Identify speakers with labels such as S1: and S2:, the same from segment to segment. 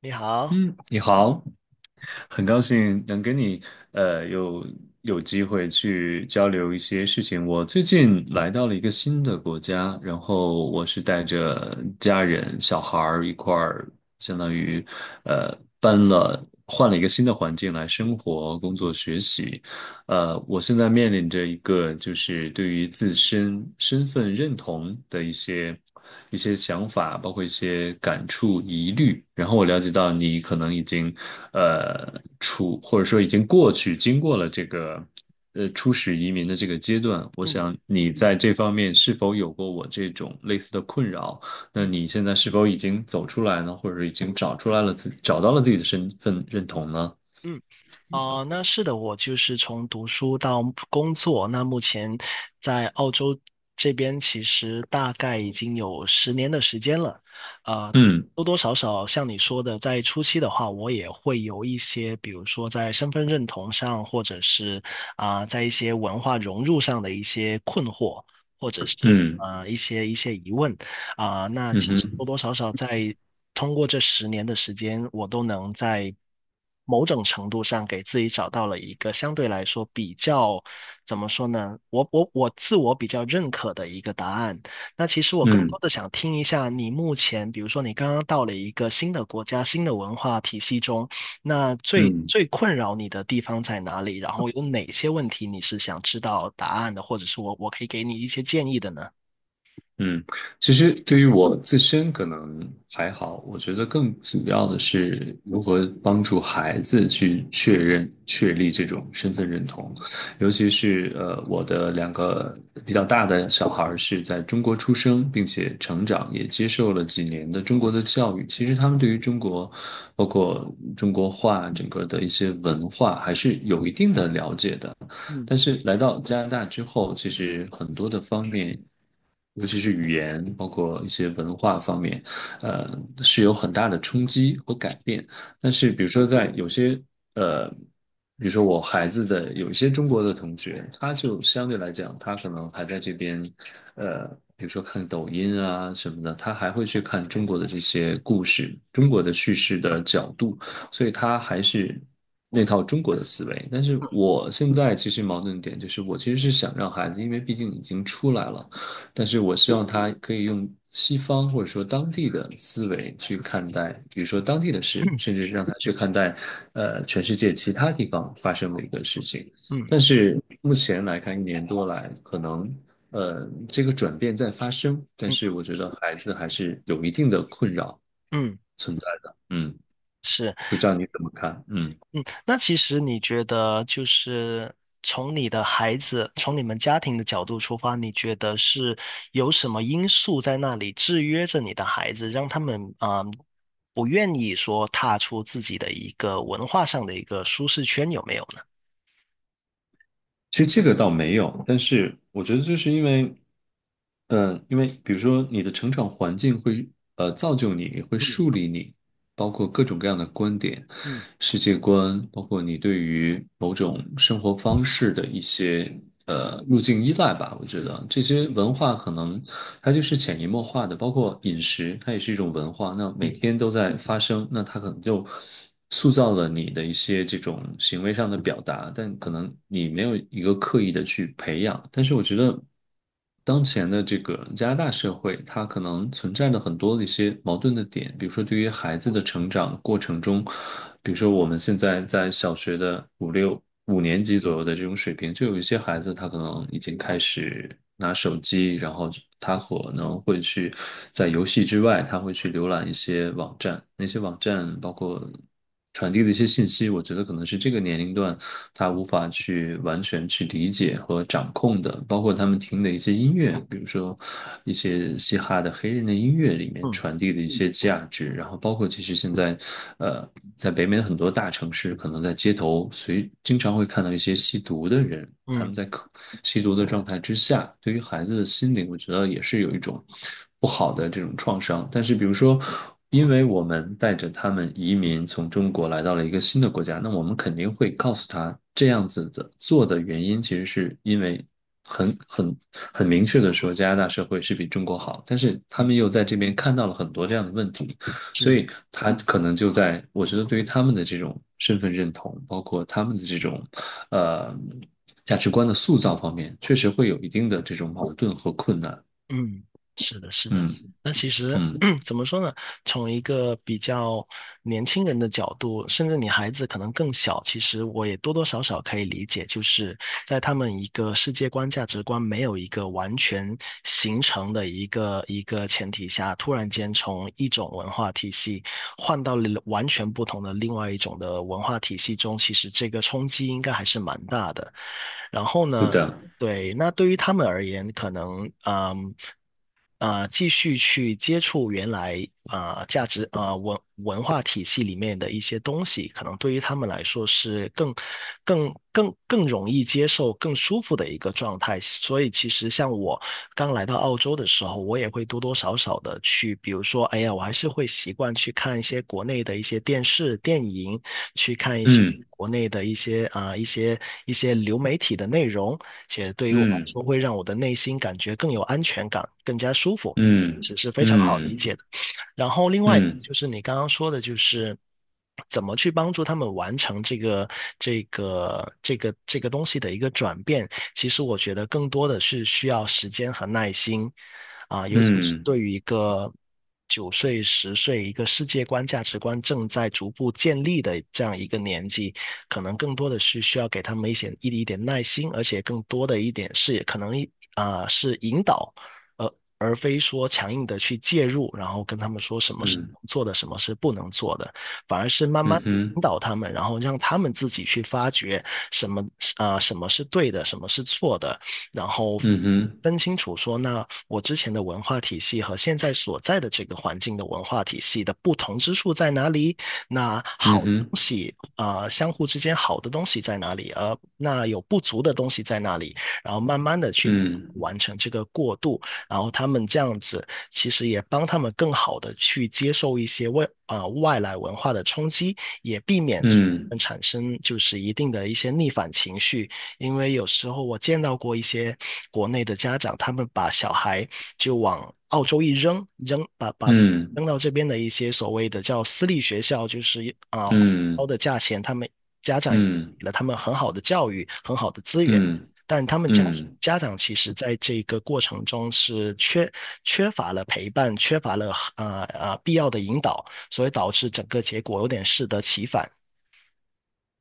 S1: 你好。
S2: 嗯，你好，很高兴能跟你呃有有机会去交流一些事情。我最近来到了一个新的国家，然后我是带着家人、小孩儿一块儿，相当于呃搬了换了一个新的环境来
S1: 嗯。
S2: 生活、工作、学习。我现在面临着一个就是对于自身身份认同的一些想法，包括一些感触、疑虑。然后我了解到你可能已经或者说已经过去，经过了这个初始移民的这个阶段。我
S1: 嗯。
S2: 想你在这方面是否有过我这种类似的困扰？那
S1: 嗯。
S2: 你现在是否已经走出来呢？或者已经找到了自己的身份认同呢？
S1: 嗯。哦，那是的，我就是从读书到工作，那目前在澳洲这边，其实大概已经有十年的时间了。啊、
S2: 嗯。
S1: 多多少少像你说的，在初期的话，我也会有一些，比如说在身份认同上，或者是在一些文化融入上的一些困惑，或者是
S2: 嗯。
S1: 一些疑问。那
S2: 嗯
S1: 其实多
S2: 哼。
S1: 多少少在通过这十年的时间，我都能在某种程度上给自己找到了一个相对来说比较，怎么说呢？我自我比较认可的一个答案。那其实我更
S2: 嗯。
S1: 多的想听一下你目前，比如说你刚刚到了一个新的国家、新的文化体系中，那最
S2: 嗯。
S1: 最困扰你的地方在哪里？然后有哪些问题你是想知道答案的，或者是我可以给你一些建议的呢？
S2: 嗯。其实对于我自身可能还好，我觉得更主要的是如何帮助孩子去确认、确立这种身份认同，尤其是我的两个比较大的小孩儿是在中国出生，并且成长，也接受了几年的中国的教育。其实他们对于中国，包括中国话整个的一些文化，还是有一定的了解的。
S1: 嗯。
S2: 但是来到加拿大之后，其实很多的方面，尤其是语言，包括一些文化方面，呃，是有很大的冲击和改变。但是，呃，比如说我孩子的有一些中国的同学，他就相对来讲，他可能还在这边，呃，比如说看抖音啊什么的，他还会去看中国的这些故事，中
S1: 嗯
S2: 国的叙事的角度。所以他还是那套中国的思维。但是我现在其实矛盾点就是，我其实是想让孩子，因为毕竟已经出来了，但是我希望他可以用西方或者说当地的思维去看待，比如说当地的事，甚 至是让他去看待，全世界其他地方发生的一个事情。
S1: 嗯。
S2: 但是目前来看，一年多来，可能这个转变在发生，但
S1: 嗯。
S2: 是我觉得孩子还是有一定的困扰
S1: 嗯，
S2: 存在的。嗯。
S1: 是。
S2: 不知道你怎么看？嗯，
S1: 嗯，那其实你觉得，就是从你的孩子，从你们家庭的角度出发，你觉得是有什么因素在那里制约着你的孩子，让他们啊，不愿意说踏出自己的一个文化上的一个舒适圈，有没有呢？
S2: 其实这个倒没有，但是我觉得就是因为，因为比如说你的成长环境会造就你，会
S1: 嗯。
S2: 树立你，包括各种各样的观点、
S1: 嗯。
S2: 世界观，包括你对于某种生活方式的一些路径依赖吧。我觉得
S1: 嗯。
S2: 这些文化可能它就是潜移默化的，包括饮食，它也是一种文化。那每
S1: 嗯。
S2: 天都在发生，那它可能就塑造了你的一些这种行为上的表达，但可能你没有一个刻意的去培养。但是我觉得，当前的这个加拿大社会，它可能存在着很多的一些矛盾的点，比如说对于孩子的成长过程中，比如说我们现在在小学的五年级左右的这种水平，就有一些孩子他可能已经开始拿手机，然后他可能会去在游戏之外，他会去浏览一些网站，那些网站包括传递的一些信息，我觉得可能是这个年龄段他无法去完全去理解和掌控的，包括他们听的一些音乐，比如说一些嘻哈的黑人的音乐里面
S1: 嗯。
S2: 传递的一些价值，然后包括其实现在，呃，在北美的很多大城市，可能在街头随经常会看到一些吸毒的人，他
S1: 嗯。
S2: 们在吸毒的状态之下，对于孩子的心灵，我觉得也是有一种不好的这种创伤。但是，比如说因为我们带着他们移民从中国来到了一个新的国家，那我们肯定会告诉他这样子的做的原因，其实是因为很很很明确的说，加拿大社会是比中国好，但是他
S1: 嗯，
S2: 们又在这边看到了很多这样的问题，所
S1: 是。
S2: 以他可能就在，我觉得对于他们的这种身份认同，包括他们的这种呃价值观的塑造方面，确实会有一定的这种矛盾和困难。
S1: 嗯，是的，是的。
S2: 嗯。
S1: 那其实
S2: 嗯，
S1: 怎么说呢？从一个比较年轻人的角度，甚至你孩子可能更小，其实我也多多少少可以理解，就是在他们一个世界观、价值观没有一个完全形成的一个前提下，突然间从一种文化体系换到了完全不同的另外一种的文化体系中，其实这个冲击应该还是蛮大的。然后
S2: 是
S1: 呢？
S2: 的。
S1: 对，那对于他们而言，可能嗯继续去接触原来价值文化体系里面的一些东西，可能对于他们来说是更容易接受、更舒服的一个状态。所以其实像我刚来到澳洲的时候，我也会多多少少的去，比如说，哎呀，我还是会习惯去看一些国内的一些电视、电影，去看一些
S2: 嗯。
S1: 国内的一些一些流媒体的内容，且对于我来
S2: 嗯。
S1: 说会让我的内心感觉更有安全感，更加舒服，
S2: 嗯。
S1: 只是非常好理解
S2: 嗯。
S1: 的。然后另外
S2: 嗯。
S1: 就是你刚刚说的，就是怎么去帮助他们完成这个东西的一个转变。其实我觉得更多的是需要时间和耐心，啊，尤其是
S2: 嗯。
S1: 对于一个9岁、10岁一个世界观、价值观正在逐步建立的这样一个年纪，可能更多的是需要给他们一些一点耐心，而且更多的一点是可能是引导呃，而非说强硬的去介入，然后跟他们说什么是
S2: 嗯。
S1: 做的，什么是不能做的，反而是慢
S2: 嗯
S1: 慢地
S2: 哼。
S1: 引导他们，然后让他们自己去发掘什么什么是对的，什么是错的，然后
S2: 嗯哼。
S1: 分清楚说，那我之前的文化体系和现在所在的这个环境的文化体系的不同之处在哪里？那
S2: 嗯
S1: 好的东
S2: 哼。
S1: 西相互之间好的东西在哪里？而那有不足的东西在哪里？然后慢慢的去
S2: 嗯。
S1: 完成这个过渡，然后他们这样子其实也帮他们更好的去接受一些外来文化的冲击，也避免
S2: 嗯。
S1: 产生就是一定的一些逆反情绪，因为有时候我见到过一些国内的家长，他们把小孩就往澳洲一扔，扔把把
S2: 嗯。
S1: 扔到这边的一些所谓的叫私立学校，就是啊呃
S2: 嗯。
S1: 高的价钱，他们家长给
S2: 嗯。
S1: 了他们很好的教育，很好的资源，
S2: 嗯。
S1: 但他们家
S2: 嗯，
S1: 家长其实在这个过程中是缺乏了陪伴，缺乏了必要的引导，所以导致整个结果有点适得其反。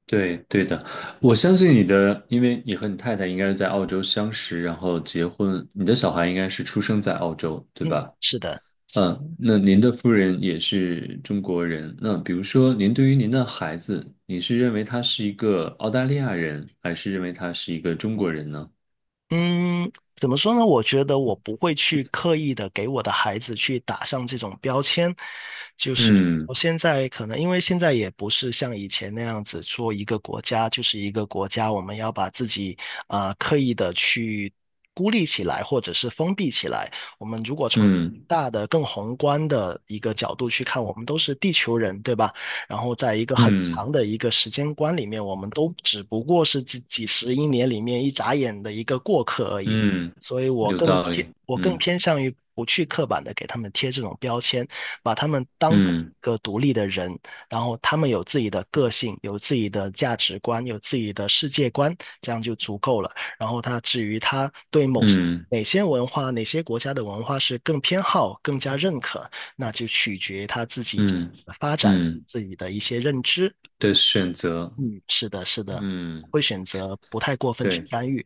S2: 对对的，我相信你的，因为你和你太太应该是在澳洲相识，然后结婚，你的小孩应该是出生在澳洲，对
S1: 嗯，
S2: 吧？
S1: 是的。
S2: 嗯，那您的夫人也是中国人，那比如说，您对于您的孩子，你是认为他是一个澳大利亚人，还是认为他是一个中国人呢？
S1: 嗯，怎么说呢？我觉得我不会去刻意的给我的孩子去打上这种标签，就是
S2: 嗯。
S1: 我现在可能因为现在也不是像以前那样子做一个国家就是一个国家，我们要把自己刻意的去孤立起来或者是封闭起来。我们如果从
S2: 嗯。
S1: 大的、更宏观的一个角度去看，我们都是地球人，对吧？然后在一个很
S2: 嗯。
S1: 长的一个时间观里面，我们都只不过是几十亿年里面一眨眼的一个过客而已。
S2: 嗯，
S1: 所以
S2: 有道理。
S1: 我更
S2: 嗯。
S1: 偏向于不去刻板的给他们贴这种标签，把他们当做
S2: 嗯。
S1: 一个独立的人，然后他们有自己的个性，有自己的价值观，有自己的世界观，这样就足够了。然后至于他对某
S2: 嗯。
S1: 哪些文化、哪些国家的文化是更偏好、更加认可，那就取决他自己
S2: 嗯。
S1: 发展
S2: 嗯
S1: 自己的一些认知。
S2: 的选择，
S1: 嗯，是的，是的，
S2: 嗯，
S1: 会选择不太过分去
S2: 对。
S1: 干预。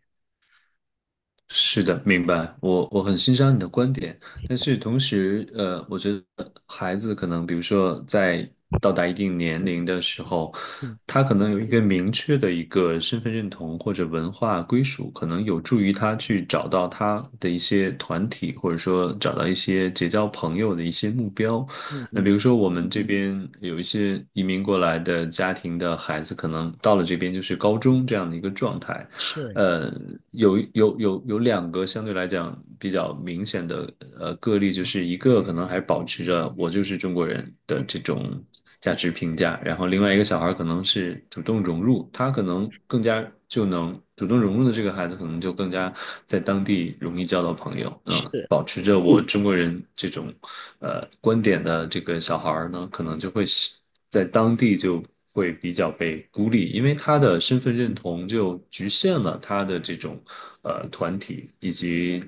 S2: 是的，明白。我我很欣赏你的观点，但是同时，我觉得孩子可能，比如说在到达一定年龄的时候，
S1: 嗯。
S2: 他可能有一个明确的一个身份认同或者文化归属，可能有助于他去找到他的一些团体，或者说找到一些结交朋友的一些目标。
S1: 嗯。
S2: 那比
S1: 嗯，
S2: 如说我们这边有一些移民过来的家庭的孩子，可能到了这边就是高中这样的一个状态。
S1: 是
S2: 呃，有两个相对来讲比较明显的个例，就是一个可能还保持着我就是中国人的这种价值评价，然后另外一个小孩可能是主动融入，他可能更加就能主动融入的这个孩子，可能就更加在当地容易交到朋友，嗯，
S1: 是
S2: 保持着我中国人这种观点的这个小孩呢，可能就会是在当地就会比较被孤立，因为他的身份认同就局限了他的这种团体以及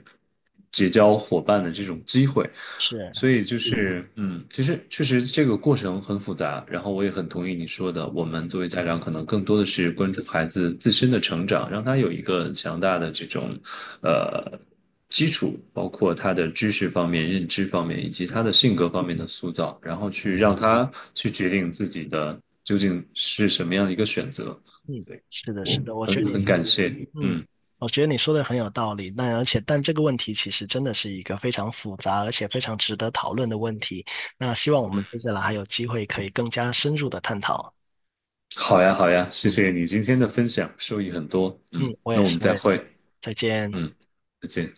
S2: 结交伙伴的这种机会。
S1: 是。
S2: 所以就是，嗯，其实确实这个过程很复杂，然后我也很同意你说的，我们作为家长可能更多的是关注孩子自身的成长，让他有一个强大的这种，呃。基础，包括他的知识方面、认知方面，以及他的性格方面的塑造，然后去让他去决定自己的究竟是什么样的一个选择。
S1: 嗯，
S2: 对，
S1: 是的，
S2: 我
S1: 是的，我觉
S2: 很
S1: 得你，
S2: 很感谢，
S1: 嗯，
S2: 嗯，
S1: 我觉得你说的很有道理。那而且，但这个问题其实真的是一个非常复杂，而且非常值得讨论的问题。那希望我们接下来还有机会可以更加深入的探讨。
S2: 好呀，好呀，谢
S1: 嗯。
S2: 谢你今天的分享，受益很多，嗯，
S1: 嗯，我
S2: 那
S1: 也
S2: 我
S1: 是，
S2: 们
S1: 我
S2: 再
S1: 也是，
S2: 会，
S1: 再见。
S2: 嗯，再见。